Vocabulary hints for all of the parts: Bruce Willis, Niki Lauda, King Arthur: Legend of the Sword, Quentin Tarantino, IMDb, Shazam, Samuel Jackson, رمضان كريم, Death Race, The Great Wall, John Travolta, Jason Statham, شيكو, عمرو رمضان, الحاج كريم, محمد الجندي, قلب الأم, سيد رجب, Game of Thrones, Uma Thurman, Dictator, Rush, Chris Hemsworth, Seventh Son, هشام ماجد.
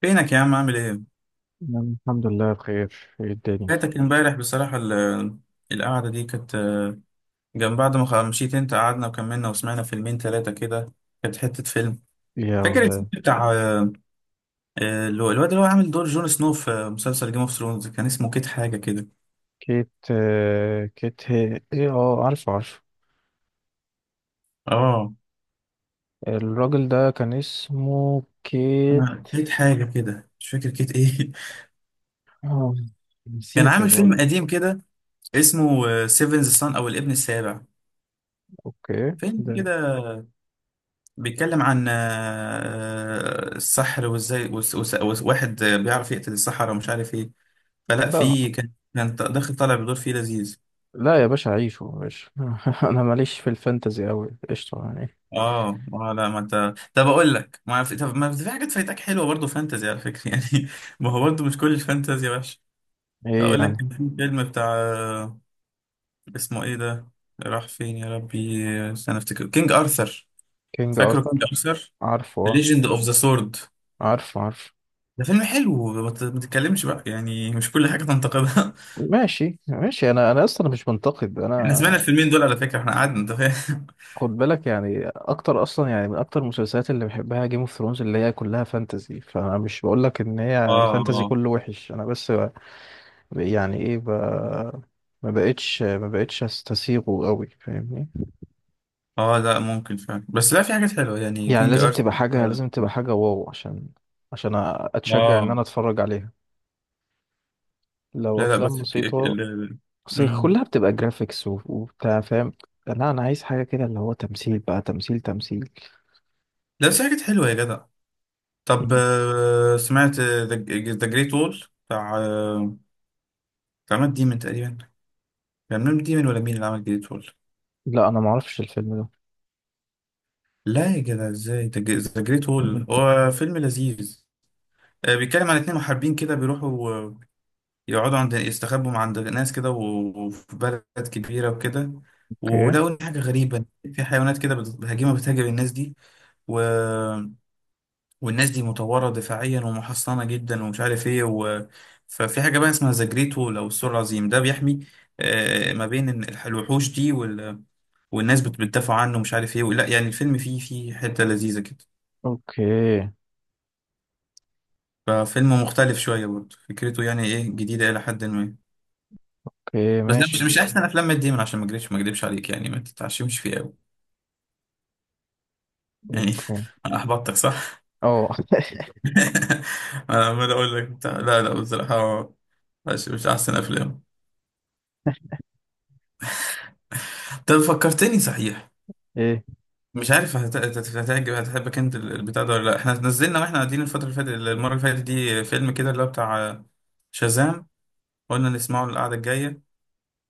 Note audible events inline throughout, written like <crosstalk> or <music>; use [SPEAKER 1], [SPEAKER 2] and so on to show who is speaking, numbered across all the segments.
[SPEAKER 1] فينك يا عم؟ عامل ايه؟
[SPEAKER 2] نعم، الحمد لله بخير. ايه الدنيا؟
[SPEAKER 1] فاتك امبارح بصراحة القعدة دي كانت جنب بعد ما مشيت انت. قعدنا وكملنا وسمعنا فيلمين ثلاثة كده. كانت حتة فيلم.
[SPEAKER 2] يا
[SPEAKER 1] فاكر الفيلم
[SPEAKER 2] ولا،
[SPEAKER 1] بتاع الواد اللي هو عامل دور جون سنو في مسلسل جيم اوف ثرونز، كان اسمه كيت حاجة كده.
[SPEAKER 2] كيت كيت هي ايه؟ اه، عارفه عارفه.
[SPEAKER 1] اه،
[SPEAKER 2] الراجل ده كان اسمه كيت.
[SPEAKER 1] كيت حاجة كده، مش فاكر كيت ايه. <laughs>
[SPEAKER 2] آه،
[SPEAKER 1] كان
[SPEAKER 2] نسيته
[SPEAKER 1] عامل فيلم
[SPEAKER 2] برضه.
[SPEAKER 1] قديم كده اسمه سيفنز سان، او الابن السابع.
[SPEAKER 2] اوكي
[SPEAKER 1] فيلم
[SPEAKER 2] ده.
[SPEAKER 1] كده بيتكلم عن السحر وازاي واحد بيعرف يقتل السحرة ومش عارف ايه. فلا،
[SPEAKER 2] لا
[SPEAKER 1] في كان داخل طالع بدور فيه، لذيذ.
[SPEAKER 2] لا يا باشا، عيشه يا باشا. <laughs> انا ماليش في الفانتزي اوي، قشطة يعني.
[SPEAKER 1] اه، اه، لا، ما انت طب اقول لك ما في، طب ما في حاجات فايتك حلوه برضه فانتزي على فكره. <laughs> يعني ما هو برضه مش كل الفانتزي وحش.
[SPEAKER 2] ايه
[SPEAKER 1] اقول لك
[SPEAKER 2] يعني؟
[SPEAKER 1] كان في فيلم بتاع اسمه ايه ده، راح فين يا ربي؟ استنى افتكر، كينج ارثر.
[SPEAKER 2] كينج
[SPEAKER 1] فاكره كينج
[SPEAKER 2] ارثر،
[SPEAKER 1] ارثر؟
[SPEAKER 2] عارفه اه،
[SPEAKER 1] ليجند اوف ذا سورد.
[SPEAKER 2] عارفه عارفه.
[SPEAKER 1] ده فيلم حلو، ما تتكلمش بقى، يعني مش كل حاجه تنتقدها.
[SPEAKER 2] ماشي ماشي، انا اصلا مش منتقد
[SPEAKER 1] احنا سمعنا
[SPEAKER 2] انا.
[SPEAKER 1] الفيلمين دول على فكرة، احنا قعدنا، انت فاهم.
[SPEAKER 2] خد بالك يعني، اكتر اصلا يعني من اكتر المسلسلات اللي بحبها جيم اوف ثرونز، اللي هي كلها فانتزي، فانا مش بقول لك ان
[SPEAKER 1] <laughs>
[SPEAKER 2] هي
[SPEAKER 1] اه،
[SPEAKER 2] الفانتزي
[SPEAKER 1] اه،
[SPEAKER 2] كله وحش. انا بس يعني ايه ما بقتش استسيغه قوي، فاهمني؟
[SPEAKER 1] اه، لا ممكن فعلا، بس لا في حاجات حلوة، يعني
[SPEAKER 2] يعني
[SPEAKER 1] كينج
[SPEAKER 2] لازم
[SPEAKER 1] ارت.
[SPEAKER 2] تبقى حاجة،
[SPEAKER 1] اه.
[SPEAKER 2] لازم تبقى حاجة واو، عشان عشان اتشجع ان انا
[SPEAKER 1] آه.
[SPEAKER 2] اتفرج عليها. لو
[SPEAKER 1] لا لا
[SPEAKER 2] افلام
[SPEAKER 1] بس
[SPEAKER 2] بسيطة، بس
[SPEAKER 1] مم.
[SPEAKER 2] كلها بتبقى جرافيكس وبتاع، فاهم؟ لا انا عايز حاجة كده اللي هو تمثيل بقى، تمثيل تمثيل.
[SPEAKER 1] لا بس في حاجات حلوة يا جدع. طب
[SPEAKER 2] مم.
[SPEAKER 1] سمعت ذا جريت وول؟ بتاع بتاع مات ديمن تقريبا، كان مات ديمن ولا مين اللي عمل جريت وول؟
[SPEAKER 2] لا انا معرفش الفيلم ده.
[SPEAKER 1] لا يا جدع ازاي، ذا جريت
[SPEAKER 2] مم.
[SPEAKER 1] وول هو فيلم لذيذ. بيتكلم عن اتنين محاربين كده بيروحوا يقعدوا عند، يستخبوا مع عند ناس كده وفي بلد كبيرة وكده.
[SPEAKER 2] اوكي،
[SPEAKER 1] ولقوا إن حاجة غريبة، في حيوانات كده هجيمة بتهاجم الناس دي، و... والناس دي مطورة دفاعيا ومحصنة جدا ومش عارف ايه. و... ففي حاجة بقى اسمها زجريتو لو، السور العظيم ده بيحمي ما بين إن الوحوش دي، وال... والناس بتدافع عنه ومش عارف ايه. لا يعني الفيلم فيه، فيه حتة لذيذة كده.
[SPEAKER 2] اوكي،
[SPEAKER 1] ففيلم مختلف شوية برضه، فكرته يعني ايه جديدة إلى حد ما.
[SPEAKER 2] اوكي،
[SPEAKER 1] بس ده
[SPEAKER 2] ماشي.
[SPEAKER 1] مش احسن افلام مات ديمون، عشان ما اكذبش عليك، يعني ما تتعشمش فيه قوي. يعني
[SPEAKER 2] اوكي.
[SPEAKER 1] <laughs> انا احبطتك صح. <laughs>
[SPEAKER 2] اه. <laughs>
[SPEAKER 1] انا عمال اقول لك بتاع، لا لا بصراحه مش احسن افلام. طب فكرتني صحيح،
[SPEAKER 2] ايه
[SPEAKER 1] مش عارف هتعجب، هتحبك انت البتاع ده ولا لا. احنا نزلنا واحنا قاعدين الفتره اللي فاتت، المره اللي فاتت دي، فيلم كده اللي هو بتاع شازام، قلنا نسمعه القعده الجايه.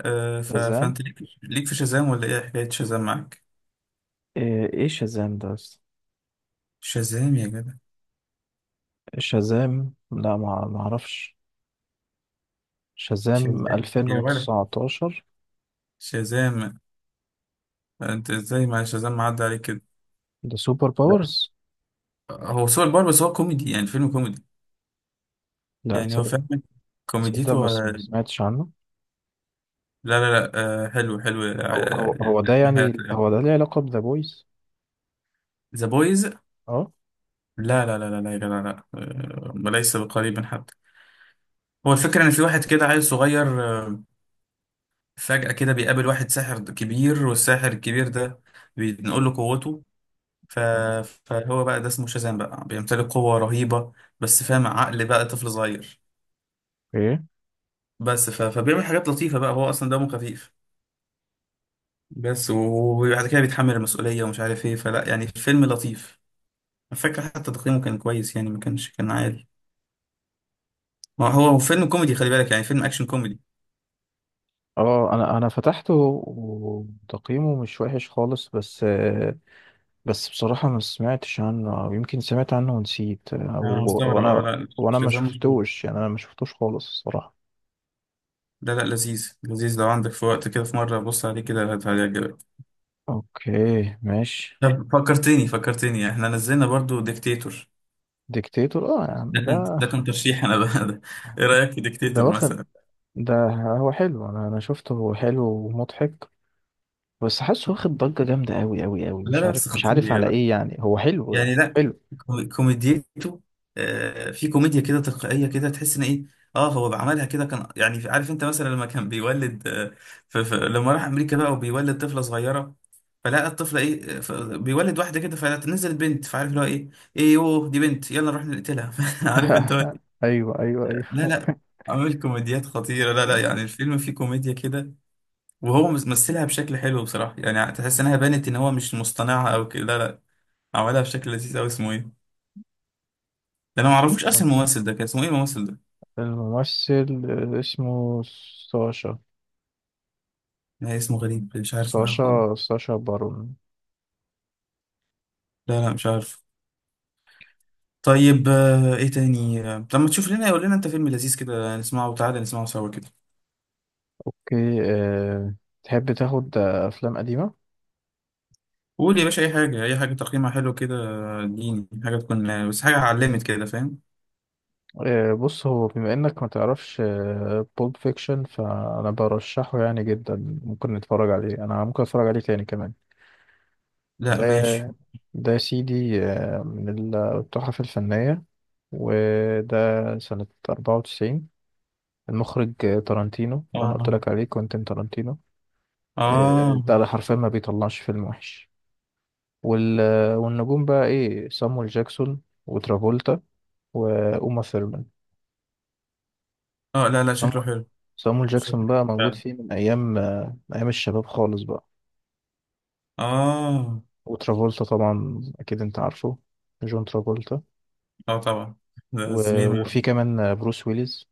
[SPEAKER 2] شازام؟
[SPEAKER 1] فانت ليك، ليك في شازام؟ ولا ايه حكايه شازام معاك؟
[SPEAKER 2] ايه شازام ده اصلا؟
[SPEAKER 1] شازام يا جدع،
[SPEAKER 2] شازام، لا، ما اعرفش. شازام
[SPEAKER 1] شازام يا ولد،
[SPEAKER 2] 2019؟
[SPEAKER 1] شازام، يعني انت ازاي مع شازام معدي عليك كده؟
[SPEAKER 2] ده سوبر باورز.
[SPEAKER 1] هو سوبر باور بس هو كوميدي، يعني فيلم كوميدي،
[SPEAKER 2] لا
[SPEAKER 1] يعني هو
[SPEAKER 2] تصدق.
[SPEAKER 1] فاهم،
[SPEAKER 2] تصدق،
[SPEAKER 1] كوميديته
[SPEAKER 2] ما سمعتش عنه.
[SPEAKER 1] لا لا لا. حلو حلو.
[SPEAKER 2] هو ده، يعني هو ده ليه علاقة بذا بويز؟
[SPEAKER 1] ذا بويز؟
[SPEAKER 2] اه.
[SPEAKER 1] لا لا لا لا لا يا جدع، لا وليس بقريب حتى. هو الفكرة إن في واحد كده عيل صغير، فجأة كده بيقابل واحد ساحر كبير، والساحر الكبير ده بينقل له قوته. ف...
[SPEAKER 2] تمام.
[SPEAKER 1] فهو بقى ده اسمه شازام بقى، بيمتلك قوة رهيبة بس فاهم عقل بقى طفل صغير.
[SPEAKER 2] اوكي.
[SPEAKER 1] بس ف... فبيعمل حاجات لطيفة بقى، هو أصلا دمه خفيف. بس وبعد كده بيتحمل المسؤولية ومش عارف إيه، فلا يعني فيلم لطيف. أنا فاكر حتى تقييمه كان كويس، يعني ما كانش كان عالي. ما هو هو فيلم كوميدي، خلي بالك، يعني فيلم أكشن كوميدي.
[SPEAKER 2] اه، انا فتحته، وتقييمه مش وحش خالص، بس بصراحة ما سمعتش عنه، أو يمكن سمعت عنه ونسيت، أو
[SPEAKER 1] أنا مستغرب أه،
[SPEAKER 2] وأنا
[SPEAKER 1] لا
[SPEAKER 2] وأنا ما
[SPEAKER 1] شازام مشهور.
[SPEAKER 2] شفتوش يعني. أنا ما شفتوش خالص الصراحة.
[SPEAKER 1] لا لا، لذيذ لذيذ، لو عندك في وقت كده في مرة بص عليه كده، هيعجبك.
[SPEAKER 2] أوكي ماشي.
[SPEAKER 1] طب <laughs> فكرتني، فكرتني إحنا نزلنا برضو ديكتاتور.
[SPEAKER 2] ديكتاتور أه يا عم،
[SPEAKER 1] ده كان،
[SPEAKER 2] ده
[SPEAKER 1] ده كان ترشيح أنا بقى. <laughs> ده إيه رأيك في
[SPEAKER 2] ده
[SPEAKER 1] ديكتاتور
[SPEAKER 2] واخد.
[SPEAKER 1] مثلا؟
[SPEAKER 2] ده هو حلو، أنا شفته، هو حلو ومضحك. بس حاسه واخد ضجة جامدة أوي أوي أوي،
[SPEAKER 1] لا
[SPEAKER 2] مش
[SPEAKER 1] لا بس
[SPEAKER 2] عارف مش
[SPEAKER 1] خطير
[SPEAKER 2] عارف
[SPEAKER 1] يا
[SPEAKER 2] على
[SPEAKER 1] جدع،
[SPEAKER 2] إيه يعني. هو حلو،
[SPEAKER 1] يعني لا،
[SPEAKER 2] حلو.
[SPEAKER 1] كوميديته في كوميديا كده تلقائيه كده، تحس ان ايه. اه هو بعملها كده، كان يعني عارف انت مثلا لما كان بيولد، لما راح امريكا بقى وبيولد طفله صغيره، فلقى الطفله ايه، بيولد واحده كده فنزلت بنت، فعارف اللي هو ايه، ايه يوه دي بنت يلا نروح نقتلها. <laughs> عارف انت
[SPEAKER 2] <laughs> أيوه أيوه
[SPEAKER 1] لا
[SPEAKER 2] أيوه.
[SPEAKER 1] لا، عامل كوميديات خطيره، لا لا يعني
[SPEAKER 2] <laughs>
[SPEAKER 1] الفيلم فيه كوميديا كده. وهو مثلها بشكل حلو بصراحه، يعني تحس انها بانت ان هو مش مصطنعها او كده، لا لا، عملها بشكل لذيذ قوي. اسمه ايه ده؟ انا ما اعرفوش اصلا الممثل ده، كان اسمه ايه الممثل ده؟
[SPEAKER 2] الممثل اسمه ساشا.
[SPEAKER 1] لا اسمه غريب، مش عارف حاجه خالص.
[SPEAKER 2] ساشا بارون.
[SPEAKER 1] لا لا مش عارف. طيب ايه تاني؟ لما تشوف لنا قول لنا انت فيلم لذيذ كده، نسمعه وتعالى نسمعه سوا كده.
[SPEAKER 2] اوكي. تحب تاخد افلام قديمه؟
[SPEAKER 1] قول يا باشا، اي حاجه، اي حاجه تقييمها حلو كده، اديني حاجه تكون بس حاجه علمت كده فاهم.
[SPEAKER 2] بص، هو بما انك ما تعرفش بولب فيكشن، فانا برشحه يعني جدا. ممكن نتفرج عليه، انا ممكن اتفرج عليه تاني كمان. ده
[SPEAKER 1] لا ماشي.
[SPEAKER 2] ده يا سيدي، من التحف الفنيه. وده سنه 94. المخرج تارانتينو، اللي انا قلت
[SPEAKER 1] اه،
[SPEAKER 2] لك عليه، كوينتين تارانتينو.
[SPEAKER 1] اه،
[SPEAKER 2] ده حرفيا ما بيطلعش فيلم وحش. وال... والنجوم بقى ايه؟ صامويل جاكسون وترافولتا وأوما ثيرمان.
[SPEAKER 1] اه، لا لا شكله
[SPEAKER 2] صامو-
[SPEAKER 1] حلو.
[SPEAKER 2] صامويل
[SPEAKER 1] شكله
[SPEAKER 2] جاكسون
[SPEAKER 1] حلو
[SPEAKER 2] بقى موجود
[SPEAKER 1] فعلا.
[SPEAKER 2] فيه من أيام أيام الشباب خالص بقى.
[SPEAKER 1] اه.
[SPEAKER 2] وترافولتا طبعا أكيد أنت عارفه، جون ترافولتا.
[SPEAKER 1] اه طبعا، ده
[SPEAKER 2] و...
[SPEAKER 1] زميل.
[SPEAKER 2] وفي كمان بروس ويليز.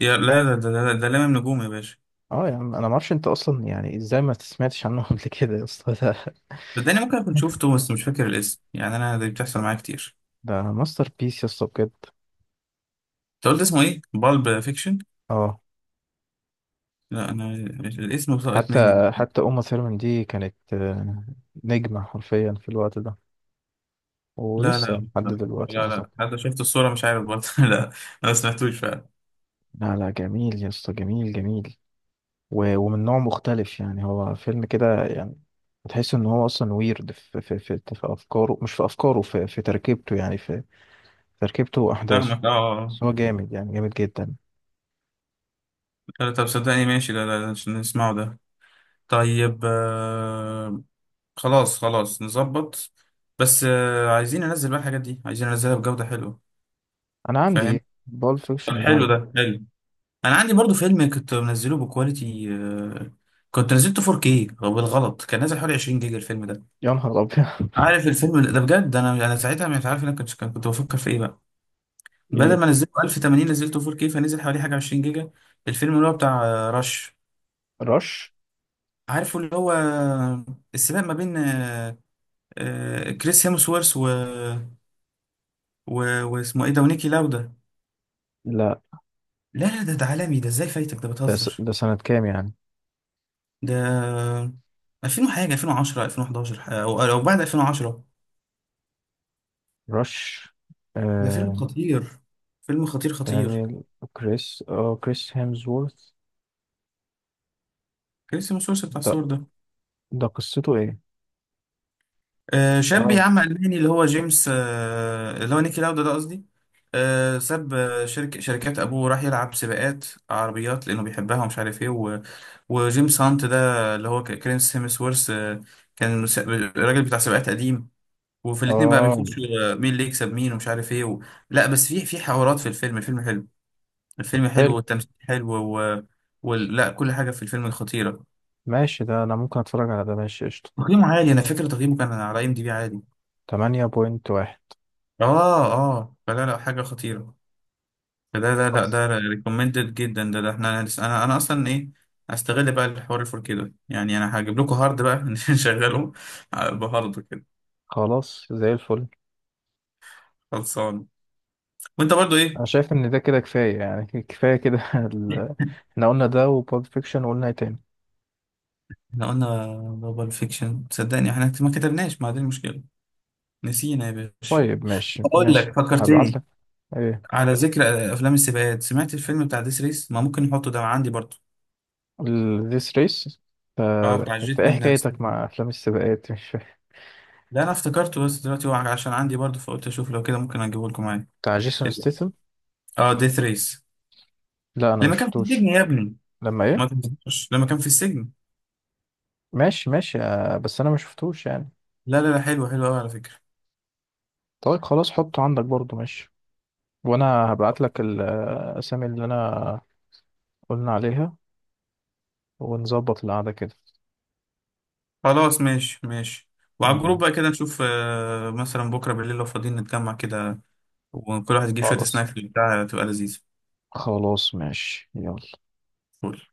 [SPEAKER 1] يا لا، ده لامم نجوم يا باشا.
[SPEAKER 2] اه يا عم، انا ما اعرفش انت اصلا يعني ازاي ما سمعتش عنه <laughs> قبل كده يا اسطى. ده
[SPEAKER 1] ده انا ممكن اكون شفته بس مش فاكر الاسم، يعني انا دي بتحصل معايا كتير.
[SPEAKER 2] ده ماستر بيس يا اسطى بجد.
[SPEAKER 1] انت قلت اسمه ايه؟ بالب فيكشن؟
[SPEAKER 2] اه.
[SPEAKER 1] لا انا الاسم سقط مني.
[SPEAKER 2] حتى حتى اوما ثيرمان دي كانت نجمة حرفيا في الوقت ده،
[SPEAKER 1] لا
[SPEAKER 2] ولسه
[SPEAKER 1] لا
[SPEAKER 2] لحد
[SPEAKER 1] لا
[SPEAKER 2] دلوقتي. انا طبعا.
[SPEAKER 1] لا. حتى شفت الصورة مش عارف برضه. <laughs> لا انا ما سمعتوش فعلا.
[SPEAKER 2] لا لا جميل يا اسطى، جميل جميل. ومن نوع مختلف يعني. هو فيلم كده يعني، تحس ان هو اصلا ويرد في في افكاره، مش في افكاره، في تركيبته يعني. في تركيبته واحداثه.
[SPEAKER 1] فاهمك، اه، آه.
[SPEAKER 2] بس هو جامد يعني، جامد جدا.
[SPEAKER 1] آه. لا، طب صدقني ماشي، لا لا لا، عشان نسمعه ده. طيب آه، خلاص خلاص نظبط، بس آه عايزين ننزل بقى الحاجات دي، عايزين ننزلها بجودة حلوة،
[SPEAKER 2] انا
[SPEAKER 1] فاهم.
[SPEAKER 2] عندي بول
[SPEAKER 1] طب
[SPEAKER 2] فيكشن ده
[SPEAKER 1] حلو،
[SPEAKER 2] عندي.
[SPEAKER 1] ده حلو. انا عندي برضه فيلم كنت منزله بكواليتي آه، كنت نزلته 4K بالغلط، كان نازل حوالي 20 جيجا الفيلم ده.
[SPEAKER 2] يا نهار ابيض! <laughs>
[SPEAKER 1] عارف الفيلم ده بجد انا، انا ساعتها مش عارف انا كنت بفكر في ايه بقى، بدل
[SPEAKER 2] ايه
[SPEAKER 1] ما نزلته 1080 نزلته 4K، فنزل حوالي حاجه 20 جيجا. الفيلم اللي هو بتاع رش،
[SPEAKER 2] رش؟
[SPEAKER 1] عارفه اللي هو السباق ما بين كريس هيمسورث، و... و... واسمه ايه ده، ونيكي لاودا.
[SPEAKER 2] لا،
[SPEAKER 1] لا لا ده ده عالمي، ده ازاي فايتك؟ ده بتهزر.
[SPEAKER 2] ده سنة كام يعني؟
[SPEAKER 1] ده 2000 وحاجه، 2010، 2011، او او بعد 2010.
[SPEAKER 2] رش.
[SPEAKER 1] ده فيلم
[SPEAKER 2] آه...
[SPEAKER 1] خطير، فيلم خطير خطير.
[SPEAKER 2] دانيال. كريس هيمزورث.
[SPEAKER 1] كريس هيمسورث بتاع
[SPEAKER 2] ده
[SPEAKER 1] الصور ده،
[SPEAKER 2] ده قصته ايه؟
[SPEAKER 1] شاب يا
[SPEAKER 2] اه
[SPEAKER 1] عم ألماني، اللي هو جيمس، اللي هو نيكي لاودا ده قصدي، ساب آه، شركة شركات أبوه وراح يلعب سباقات عربيات لأنه بيحبها ومش عارف إيه. و... وجيمس هانت ده اللي هو كريس هيمسورث، كان الراجل بتاع سباقات قديم. وفي الاتنين بقى
[SPEAKER 2] اه
[SPEAKER 1] بيخشوا مين اللي يكسب مين ومش عارف إيه. و... لا بس في حوارات في الفيلم، الفيلم حلو، الفيلم حلو
[SPEAKER 2] حلو،
[SPEAKER 1] والتمثيل حلو. و... وال... لا كل حاجة في الفيلم خطيرة.
[SPEAKER 2] ماشي، ده انا ممكن اتفرج على ده، ماشي قشطة.
[SPEAKER 1] تقييمه عالي، أنا فاكر تقييمه كان على IMDb عالي.
[SPEAKER 2] 8.1.
[SPEAKER 1] آه، آه، فلا لا، حاجة خطيرة. ده ده لا
[SPEAKER 2] بس
[SPEAKER 1] ده ريكومندد جدا، ده احنا انا، انا اصلا ايه، هستغل بقى الحوار الفور كده، يعني انا هجيب لكم هارد بقى. <laughs> نشغله بهارد كده.
[SPEAKER 2] خلاص زي الفل.
[SPEAKER 1] خلصان. وانت برضو ايه؟
[SPEAKER 2] انا شايف ان ده كده كفاية يعني. <laughs> كفاية كده. احنا قلنا ده وبولد فيكشن، وقلنا ايه تاني؟
[SPEAKER 1] احنا قلنا بابل فيكشن، صدقني احنا ما كتبناش، ما دي المشكله، نسينا يا باشا.
[SPEAKER 2] طيب ماشي
[SPEAKER 1] اقول لك
[SPEAKER 2] ماشي، هبعت
[SPEAKER 1] فكرتني،
[SPEAKER 2] لك. ايه؟
[SPEAKER 1] على ذكر افلام السباقات، سمعت الفيلم بتاع ديس ريس؟ ما ممكن نحطه، ده عندي برضو.
[SPEAKER 2] ذيس ريس.
[SPEAKER 1] اه بتاع
[SPEAKER 2] انت
[SPEAKER 1] جيت
[SPEAKER 2] ايه
[SPEAKER 1] الناس.
[SPEAKER 2] حكايتك مع افلام السباقات؟ مش فاهم.
[SPEAKER 1] لا انا افتكرته بس دلوقتي هو عشان عندي برضو، فقلت اشوف لو كده ممكن اجيبه لكم معايا.
[SPEAKER 2] بتاع جيسون ستيتم.
[SPEAKER 1] اه ديث ريس،
[SPEAKER 2] لا، انا ما
[SPEAKER 1] لما كان في السجن
[SPEAKER 2] شفتوش.
[SPEAKER 1] يا ابني.
[SPEAKER 2] لما ايه؟
[SPEAKER 1] ما تنساش لما كان في السجن.
[SPEAKER 2] ماشي ماشي، بس انا ما شفتوش يعني.
[SPEAKER 1] لا لا لا، حلو حلو قوي على فكرة.
[SPEAKER 2] طيب خلاص، حطه عندك برضو ماشي. وانا هبعت لك الاسامي اللي انا قلنا عليها، ونظبط القعدة كده.
[SPEAKER 1] خلاص ماشي ماشي. وعلى الجروب
[SPEAKER 2] تمام.
[SPEAKER 1] بقى كده نشوف مثلا بكرة بالليل لو فاضيين نتجمع كده. وكل واحد يجيب شوية
[SPEAKER 2] خلاص
[SPEAKER 1] سناكس بتاع تبقى لذيذة.
[SPEAKER 2] خلاص ماشي يلا.
[SPEAKER 1] فول.